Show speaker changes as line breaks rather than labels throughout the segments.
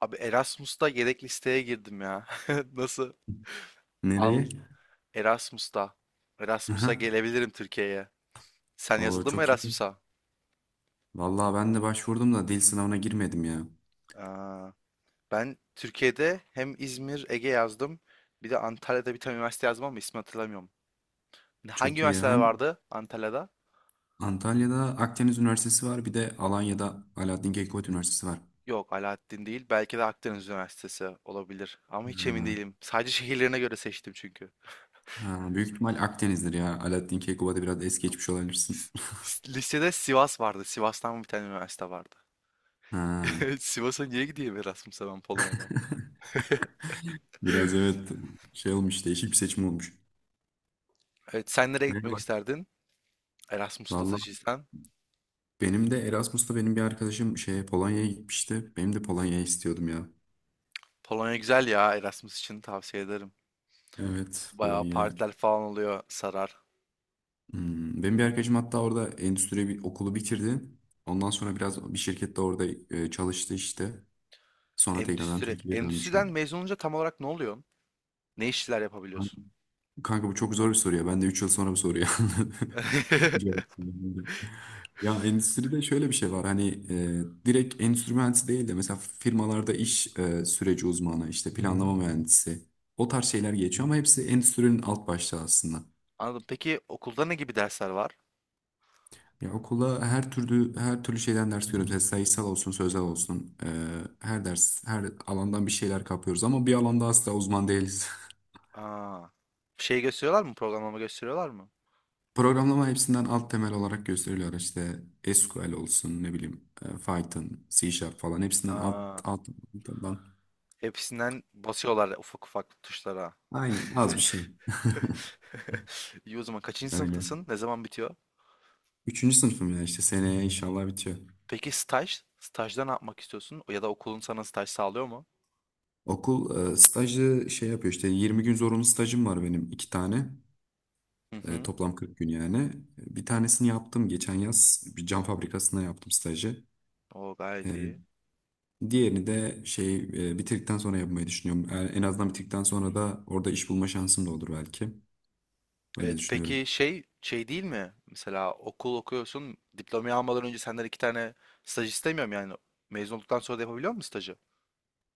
Abi Erasmus'ta yedek listeye girdim ya. Nasıl? Al
Nereye?
Erasmus'ta. Erasmus'a
Aha.
gelebilirim Türkiye'ye. Sen
Oo
yazıldın mı
çok iyi.
Erasmus'a?
Vallahi ben de başvurdum da dil sınavına girmedim ya.
Aa, ben Türkiye'de hem İzmir, Ege yazdım. Bir de Antalya'da bir tane üniversite yazdım ama ismini hatırlamıyorum. Hangi
Çok iyi.
üniversiteler
Hangi?
vardı Antalya'da?
Antalya'da Akdeniz Üniversitesi var. Bir de Alanya'da Alaaddin Keykubat Üniversitesi var.
Yok, Alaaddin değil. Belki de Akdeniz Üniversitesi olabilir. Ama hiç emin
Ha.
değilim. Sadece şehirlerine göre seçtim çünkü.
Ha, büyük ihtimal Akdeniz'dir ya. Alaaddin Keykubat'ı biraz es
Bilmiyorum.
geçmiş olabilirsin.
S- Listede Sivas vardı. Sivas'tan bir tane üniversite vardı.
Ha.
Evet, Sivas'a niye gideyim Erasmus'a ben Polonya'dan?
Biraz evet şey olmuş, değişik bir seçim olmuş.
Evet, sen nereye gitmek
Merhaba.
isterdin? Erasmus
Valla
stajyersen.
benim de Erasmus'ta benim bir arkadaşım şey Polonya'ya gitmişti. Benim de Polonya'ya istiyordum ya.
Polonya güzel ya, Erasmus için tavsiye ederim.
Evet,
Bayağı
Polonya.
partiler falan oluyor, sarar.
Hmm, benim bir arkadaşım hatta orada endüstri bir okulu bitirdi. Ondan sonra biraz bir şirkette orada çalıştı işte. Sonra tekrardan
Endüstri.
Türkiye'ye döndü şu
Endüstriden
an.
mezun olunca tam olarak ne oluyorsun? Ne işler yapabiliyorsun?
Kanka bu çok zor bir soru ya. Ben de 3 yıl sonra bu soruyu cevap veremiyorum. Ya endüstride şöyle bir şey var. Hani direkt endüstri mühendisi değil de mesela firmalarda iş süreci uzmanı, işte planlama mühendisi. O tarz şeyler geçiyor ama hepsi endüstrinin alt başlığı aslında.
Anladım. Peki okulda ne gibi dersler var?
Ya okula her türlü şeyden ders görüyoruz. Mesela sayısal olsun, sözel olsun. Her ders, her alandan bir şeyler kapıyoruz ama bir alanda asla uzman değiliz.
Aa, şey gösteriyorlar mı? Programlama gösteriyorlar mı?
Programlama hepsinden alt temel olarak gösteriliyor. İşte SQL olsun, ne bileyim, Python, C Sharp falan hepsinden alt
Aa,
alt altından.
hepsinden basıyorlar ufak ufak tuşlara.
Aynen az bir şey.
İyi, o zaman kaçıncı
Öyle.
sınıftasın? Ne zaman bitiyor?
Üçüncü sınıfım ya, işte seneye inşallah bitiyor.
Peki staj? Stajda ne yapmak istiyorsun? Ya da okulun sana staj sağlıyor mu?
Okul stajı şey yapıyor, işte 20 gün zorunlu stajım var benim, iki tane.
Hı hı.
Toplam 40 gün yani. Bir tanesini yaptım geçen yaz. Bir cam fabrikasına yaptım stajı.
O gayet
E,
iyi.
Diğerini de şey bitirdikten sonra yapmayı düşünüyorum. E, en azından bitirdikten sonra da orada iş bulma şansım da olur belki. Öyle
Evet,
düşünüyorum.
peki şey değil mi? Mesela okul okuyorsun, diplomayı almadan önce senden iki tane staj istemiyorum yani. Mezun olduktan sonra da yapabiliyor musun stajı?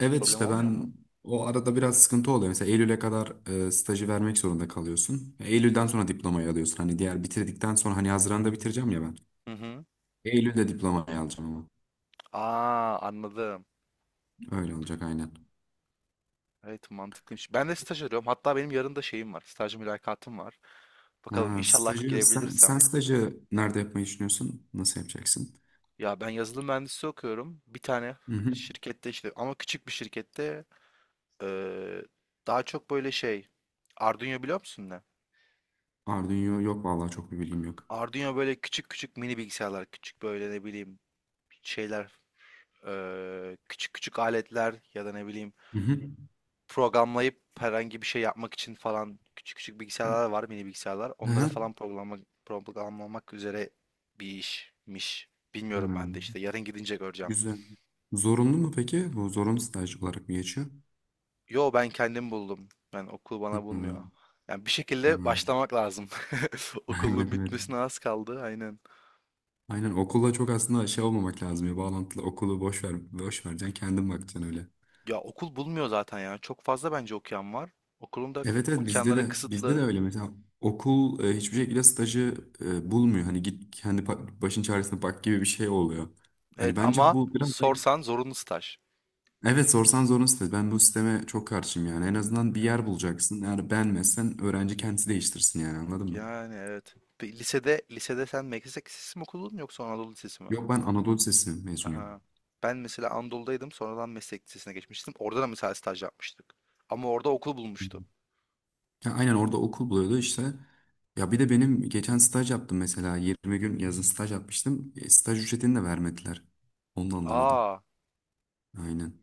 Evet,
Problem
işte
olmuyor mu?
ben o arada biraz sıkıntı oluyor. Mesela Eylül'e kadar stajı vermek zorunda kalıyorsun. Eylül'den sonra diplomayı alıyorsun. Hani diğer bitirdikten sonra, hani Haziran'da bitireceğim ya ben.
Hı hı.
Eylül'de diplomayı alacağım ama.
Aa, anladım.
Öyle olacak aynen.
Evet, mantıklıymış. Ben de staj arıyorum. Hatta benim yarın da şeyim var. Staj mülakatım var. Bakalım,
Ha,
inşallah
stajı sen
girebilirsem.
stajı nerede yapmayı düşünüyorsun? Nasıl yapacaksın?
Ya ben yazılım mühendisliği okuyorum. Bir tane
Hı hı.
şirkette işte, ama küçük bir şirkette. Ee, Daha çok böyle şey, Arduino biliyor musun ne?
Arduino yok vallahi, çok bir bilgim yok.
Arduino böyle küçük küçük mini bilgisayarlar, küçük böyle ne bileyim şeyler, küçük küçük aletler ya da ne bileyim
Hı hı.
programlayıp herhangi bir şey yapmak için falan küçük küçük bilgisayarlar var, mini bilgisayarlar.
Hı
Onları
hı.
falan programla, programlamak üzere bir işmiş.
Hı.
Bilmiyorum, ben de işte yarın gidince göreceğim.
Güzel. Zorunlu mu peki? Bu zorunlu staj olarak mı geçiyor?
Yo, ben kendim buldum. Ben, okul
Hı
bana
hı.
bulmuyor. Yani bir şekilde
Hı.
başlamak lazım. Okulun
Evet, evet.
bitmesine az kaldı. Aynen.
Aynen okulla çok aslında şey olmamak lazım ya, bağlantılı, okulu boş ver, boş vereceksin, kendin bakacaksın öyle.
Ya okul bulmuyor zaten ya. Çok fazla bence okuyan var. Okulun da
Evet evet, bizde
imkanları
de bizde de
kısıtlı.
öyle mesela okul hiçbir şekilde stajı bulmuyor. Hani git kendi başın çaresine bak gibi bir şey oluyor.
Evet,
Hani bence
ama
bu biraz da
sorsan zorunlu staj.
evet, sorsan zorun site. Ben bu sisteme çok karşıyım yani. En azından bir
Evet.
yer bulacaksın. Eğer beğenmezsen öğrenci kendisi değiştirsin yani, anladın mı?
Yani evet. Bir Lisede lisede sen meslek lisesi mi okudun yoksa Anadolu Lisesi mi?
Yok, ben Anadolu Lisesi mezunuyum.
Aha. Ben mesela Anadolu'daydım. Sonradan meslek lisesine geçmiştim. Orada da mesela staj yapmıştık. Ama orada okul
Hı
bulmuştu.
hı. Ya aynen, orada okul buluyordu işte. Ya bir de benim geçen staj yaptım mesela. 20 gün yazın staj yapmıştım. E, staj ücretini de vermediler. Onu da anlamadım.
Aa.
Aynen.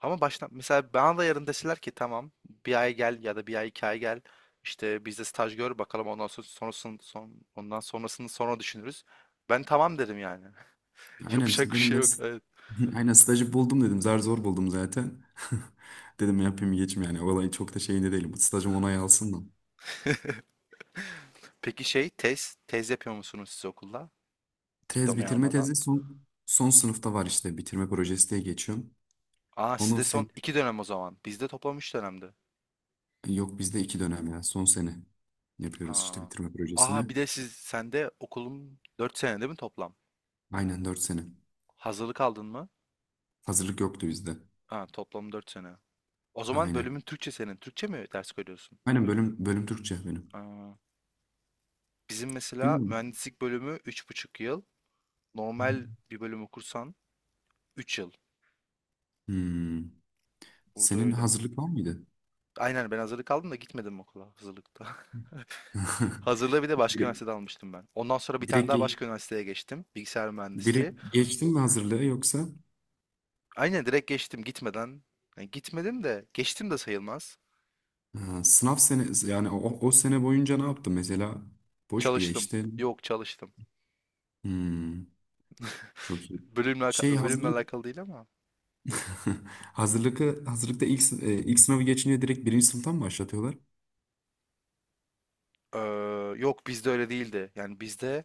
Ama baştan mesela bana da yarın deseler ki tamam, bir ay gel ya da bir ay iki ay gel, işte bizde staj gör bakalım, ondan sonra sonrasını ondan sonrasını sonra düşünürüz. Ben tamam derim yani.
Aynen
Yapacak
işte
bir
benim
şey
de
yok. Evet.
aynen stajı buldum dedim. Zar zor buldum zaten. Dedim yapayım geçim yani. Olayı çok da şeyinde değilim. Stajım onay alsın da.
Peki şey, tez tez yapıyor musunuz siz okulda?
Tez,
Diplomayı
bitirme
almadan.
tezi son sınıfta var, işte bitirme projesi diye geçiyorum.
Aa,
Onu
sizde
sen,
son iki dönem o zaman. Bizde toplam üç dönemdi.
yok bizde iki dönem ya, son sene yapıyoruz işte
Aa.
bitirme projesini.
Aa, bir de siz sende okulun dört sene değil mi toplam?
Aynen, dört sene.
Hazırlık aldın mı?
Hazırlık yoktu bizde.
Ha, toplam dört sene. O zaman
Aynen.
bölümün Türkçe senin. Türkçe mi ders koyuyorsun?
Aynen bölüm Türkçe benim.
Aa. Bizim mesela
Bilmiyorum.
mühendislik bölümü üç buçuk yıl. Normal bir bölüm okursan 3 yıl.
Hmm.
Burada
Senin
öyle.
hazırlık var mıydı?
Aynen, ben hazırlık aldım da gitmedim okula hazırlıkta. Hazırlığı bir de başka
Direkt
üniversitede almıştım ben. Ondan sonra bir tane
direkt,
daha
ge-
başka üniversiteye geçtim. Bilgisayar mühendisliği.
direkt geçtin mi hazırlığı yoksa
Aynen, direkt geçtim gitmeden. Yani gitmedim de geçtim de sayılmaz.
ha, sınav sene yani o sene boyunca ne yaptın mesela? Boş mu
Çalıştım.
geçtin?
Yok, çalıştım.
Hmm, çok iyi.
Bölümle,
Şey
alaka- bölümle
hazırlık.
alakalı değil ama.
Hazırlıkı, hazırlıkta ilk sınavı geçince direkt birinci sınıftan mı başlatıyorlar?
Ee, Yok, bizde öyle değildi. Yani bizde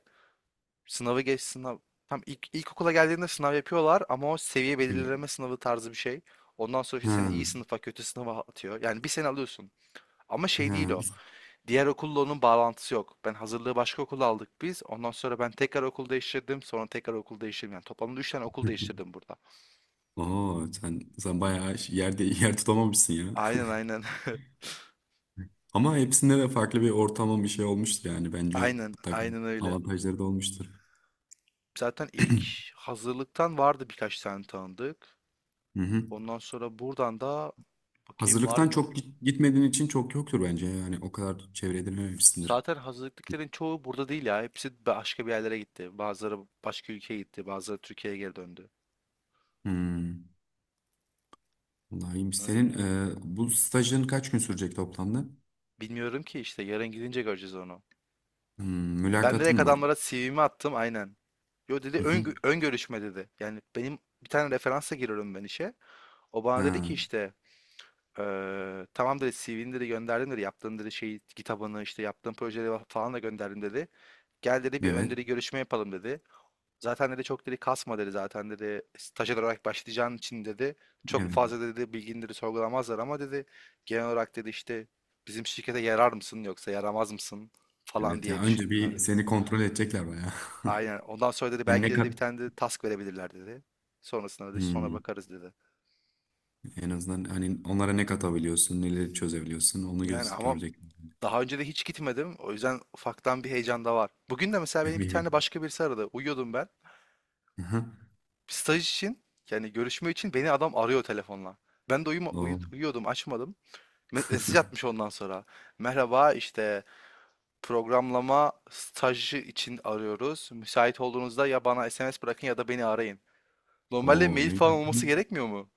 sınavı geç sınav. Tam ilk ilkokula geldiğinde sınav yapıyorlar ama o seviye
Evet.
belirleme sınavı tarzı bir şey. Ondan sonra işte seni iyi
Ha,
sınıfa kötü sınıfa atıyor. Yani bir sene alıyorsun. Ama şey değil
ha.
o. Diğer okulla onun bağlantısı yok. Ben hazırlığı başka okulda aldık biz. Ondan sonra ben tekrar okul değiştirdim. Sonra tekrar okul değiştirdim. Yani toplamda üç tane okul değiştirdim burada.
Oo, sen bayağı yerde yer tutamamışsın ya.
Aynen, aynen.
Ama hepsinde de farklı bir ortama bir şey olmuştur yani, bence
Aynen,
mutlaka
aynen, öyle.
avantajları da olmuştur.
Zaten ilk hazırlıktan vardı birkaç tane tanıdık.
Hı hı.
Ondan sonra buradan da bakayım var
Hazırlıktan
mı?
çok gitmediğin için çok yoktur bence yani, o kadar çevre edinememişsindir.
Zaten hazırlıkların çoğu burada değil ya. Hepsi başka bir yerlere gitti. Bazıları başka ülkeye gitti. Bazıları Türkiye'ye geri döndü.
Hmm. Vallahi iyiymiş. Senin
Öyle.
bu stajın kaç gün sürecek toplamda?
Bilmiyorum ki, işte yarın gidince göreceğiz onu.
Hmm,
Ben direkt
mülakatın var.
adamlara CV'mi attım aynen. Yo, dedi,
Hı
ön,
hı.
ön görüşme dedi. Yani benim bir tane referansa giriyorum ben işe. O bana dedi ki
Ha,
işte tamam dedi, CV'ni dedi gönderdim dedi. Yaptığın dedi şey kitabını, işte yaptığın projeleri falan da gönderdim dedi. Gel dedi, bir ön
evet.
dedi görüşme yapalım dedi. Zaten dedi çok dedi kasma dedi, zaten dedi stajyer olarak başlayacağın için dedi çok
Evet.
fazla dedi bilgini dedi sorgulamazlar ama dedi genel olarak dedi işte bizim şirkete yarar mısın yoksa yaramaz mısın falan
Evet ya,
diye
önce
düşündüler
bir
dedi.
seni kontrol edecekler bayağı.
Aynen, ondan sonra dedi
Hani
belki
ne
dedi
kat,
bir tane de task verebilirler dedi. Sonrasında dedi sonra
hmm,
bakarız dedi.
en azından hani onlara ne katabiliyorsun, neleri çözebiliyorsun, onu
Yani
göz
ama
görecek.
daha önce de hiç gitmedim, o yüzden ufaktan bir heyecan da var. Bugün de mesela beni bir tane
Bir-
başka birisi aradı, uyuyordum ben.
aha,
Staj için, yani görüşme için beni adam arıyor telefonla. Ben de
o.
uyuyordum, açmadım. Mesaj atmış ondan sonra. Merhaba işte, programlama stajı için arıyoruz. Müsait olduğunuzda ya bana SMS bırakın ya da beni arayın. Normalde
O
mail
ne
falan
güzel.
olması gerekmiyor mu?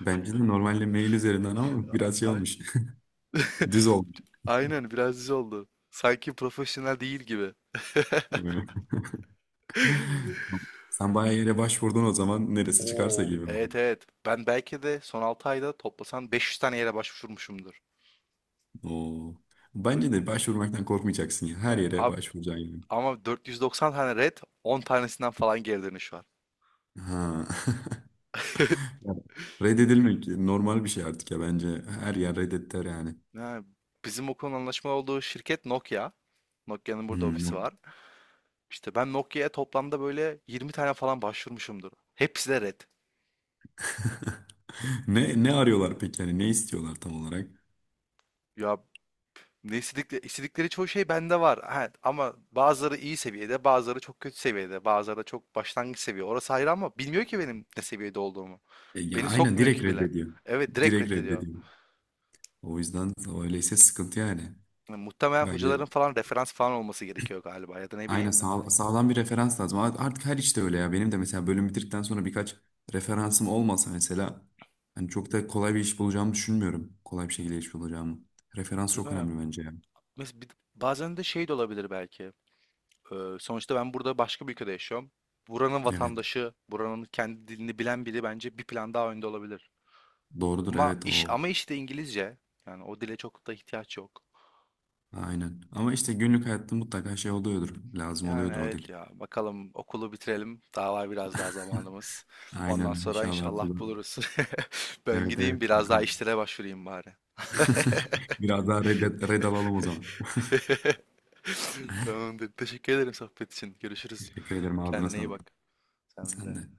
Bence de normalde mail üzerinden, ama biraz şey
Ay-
olmuş. Düz olmuş.
aynen, biraz düz oldu. Sanki profesyonel değil gibi.
Evet. Sen bayağı yere başvurdun o zaman, neresi çıkarsa
Oo,
gibi mi
evet,
oldu?
evet. Ben belki de son 6 ayda toplasan 500 tane yere başvurmuşumdur.
Oo.
Böyle,
Bence de başvurmaktan korkmayacaksın ya. Her
yani
yere
abi,
başvuracaksın gibi.
ama 490 tane red, 10 tanesinden falan geri dönüş var.
Ha. Yani reddedilmek normal bir şey artık ya bence. Her yer reddetter yani.
Ha, bizim okulun anlaşmalı olduğu şirket Nokia. Nokia'nın burada
Hmm,
ofisi
yok.
var. İşte ben Nokia'ya toplamda böyle 20 tane falan başvurmuşumdur. Hepsi de red.
Ne arıyorlar peki, yani ne istiyorlar tam olarak?
Ya ne istedikleri, istedikleri çoğu şey bende var. Ha, ama bazıları iyi seviyede, bazıları çok kötü seviyede, bazıları da çok başlangıç seviye. Orası ayrı, ama bilmiyor ki benim ne seviyede olduğumu.
Ya
Beni
aynen,
sokmuyor
direkt
ki bile.
reddediyor.
Evet, direkt
Direkt
reddediyor.
reddediyor. O yüzden öyleyse sıkıntı yani.
Yani muhtemelen
Belki
hocaların
de-
falan referans falan olması gerekiyor galiba ya da ne
aynen,
bileyim.
sağlam bir referans lazım. Artık her işte öyle ya. Benim de mesela bölüm bitirdikten sonra birkaç referansım olmasa mesela hani çok da kolay bir iş bulacağımı düşünmüyorum. Kolay bir şekilde iş bulacağımı. Referans
Değil
çok
mi?
önemli bence yani.
Mes- bir- Bazen de şey de olabilir belki. Sonuçta ben burada başka bir ülkede yaşıyorum. Buranın
Evet.
vatandaşı, buranın kendi dilini bilen biri bence bir plan daha önde olabilir.
Doğrudur,
Ama
evet,
iş
o
ama işte İngilizce. Yani o dile çok da ihtiyaç yok.
aynen. Ama işte günlük hayatta mutlaka şey oluyordur. Lazım
Yani
oluyordur o
evet
dil.
ya, bakalım okulu bitirelim. Daha var biraz daha zamanımız. Ondan
Aynen.
sonra
İnşallah
inşallah
akıllı.
buluruz. Ben
Evet,
gideyim
evet,
biraz daha
bakalım.
işlere başvurayım bari.
Biraz daha red alalım o zaman.
Tamamdır. Teşekkür ederim sohbet için. Görüşürüz.
Teşekkür ederim. Ağzına
Kendine iyi
sağlık.
bak. Sen
Sen
de.
de.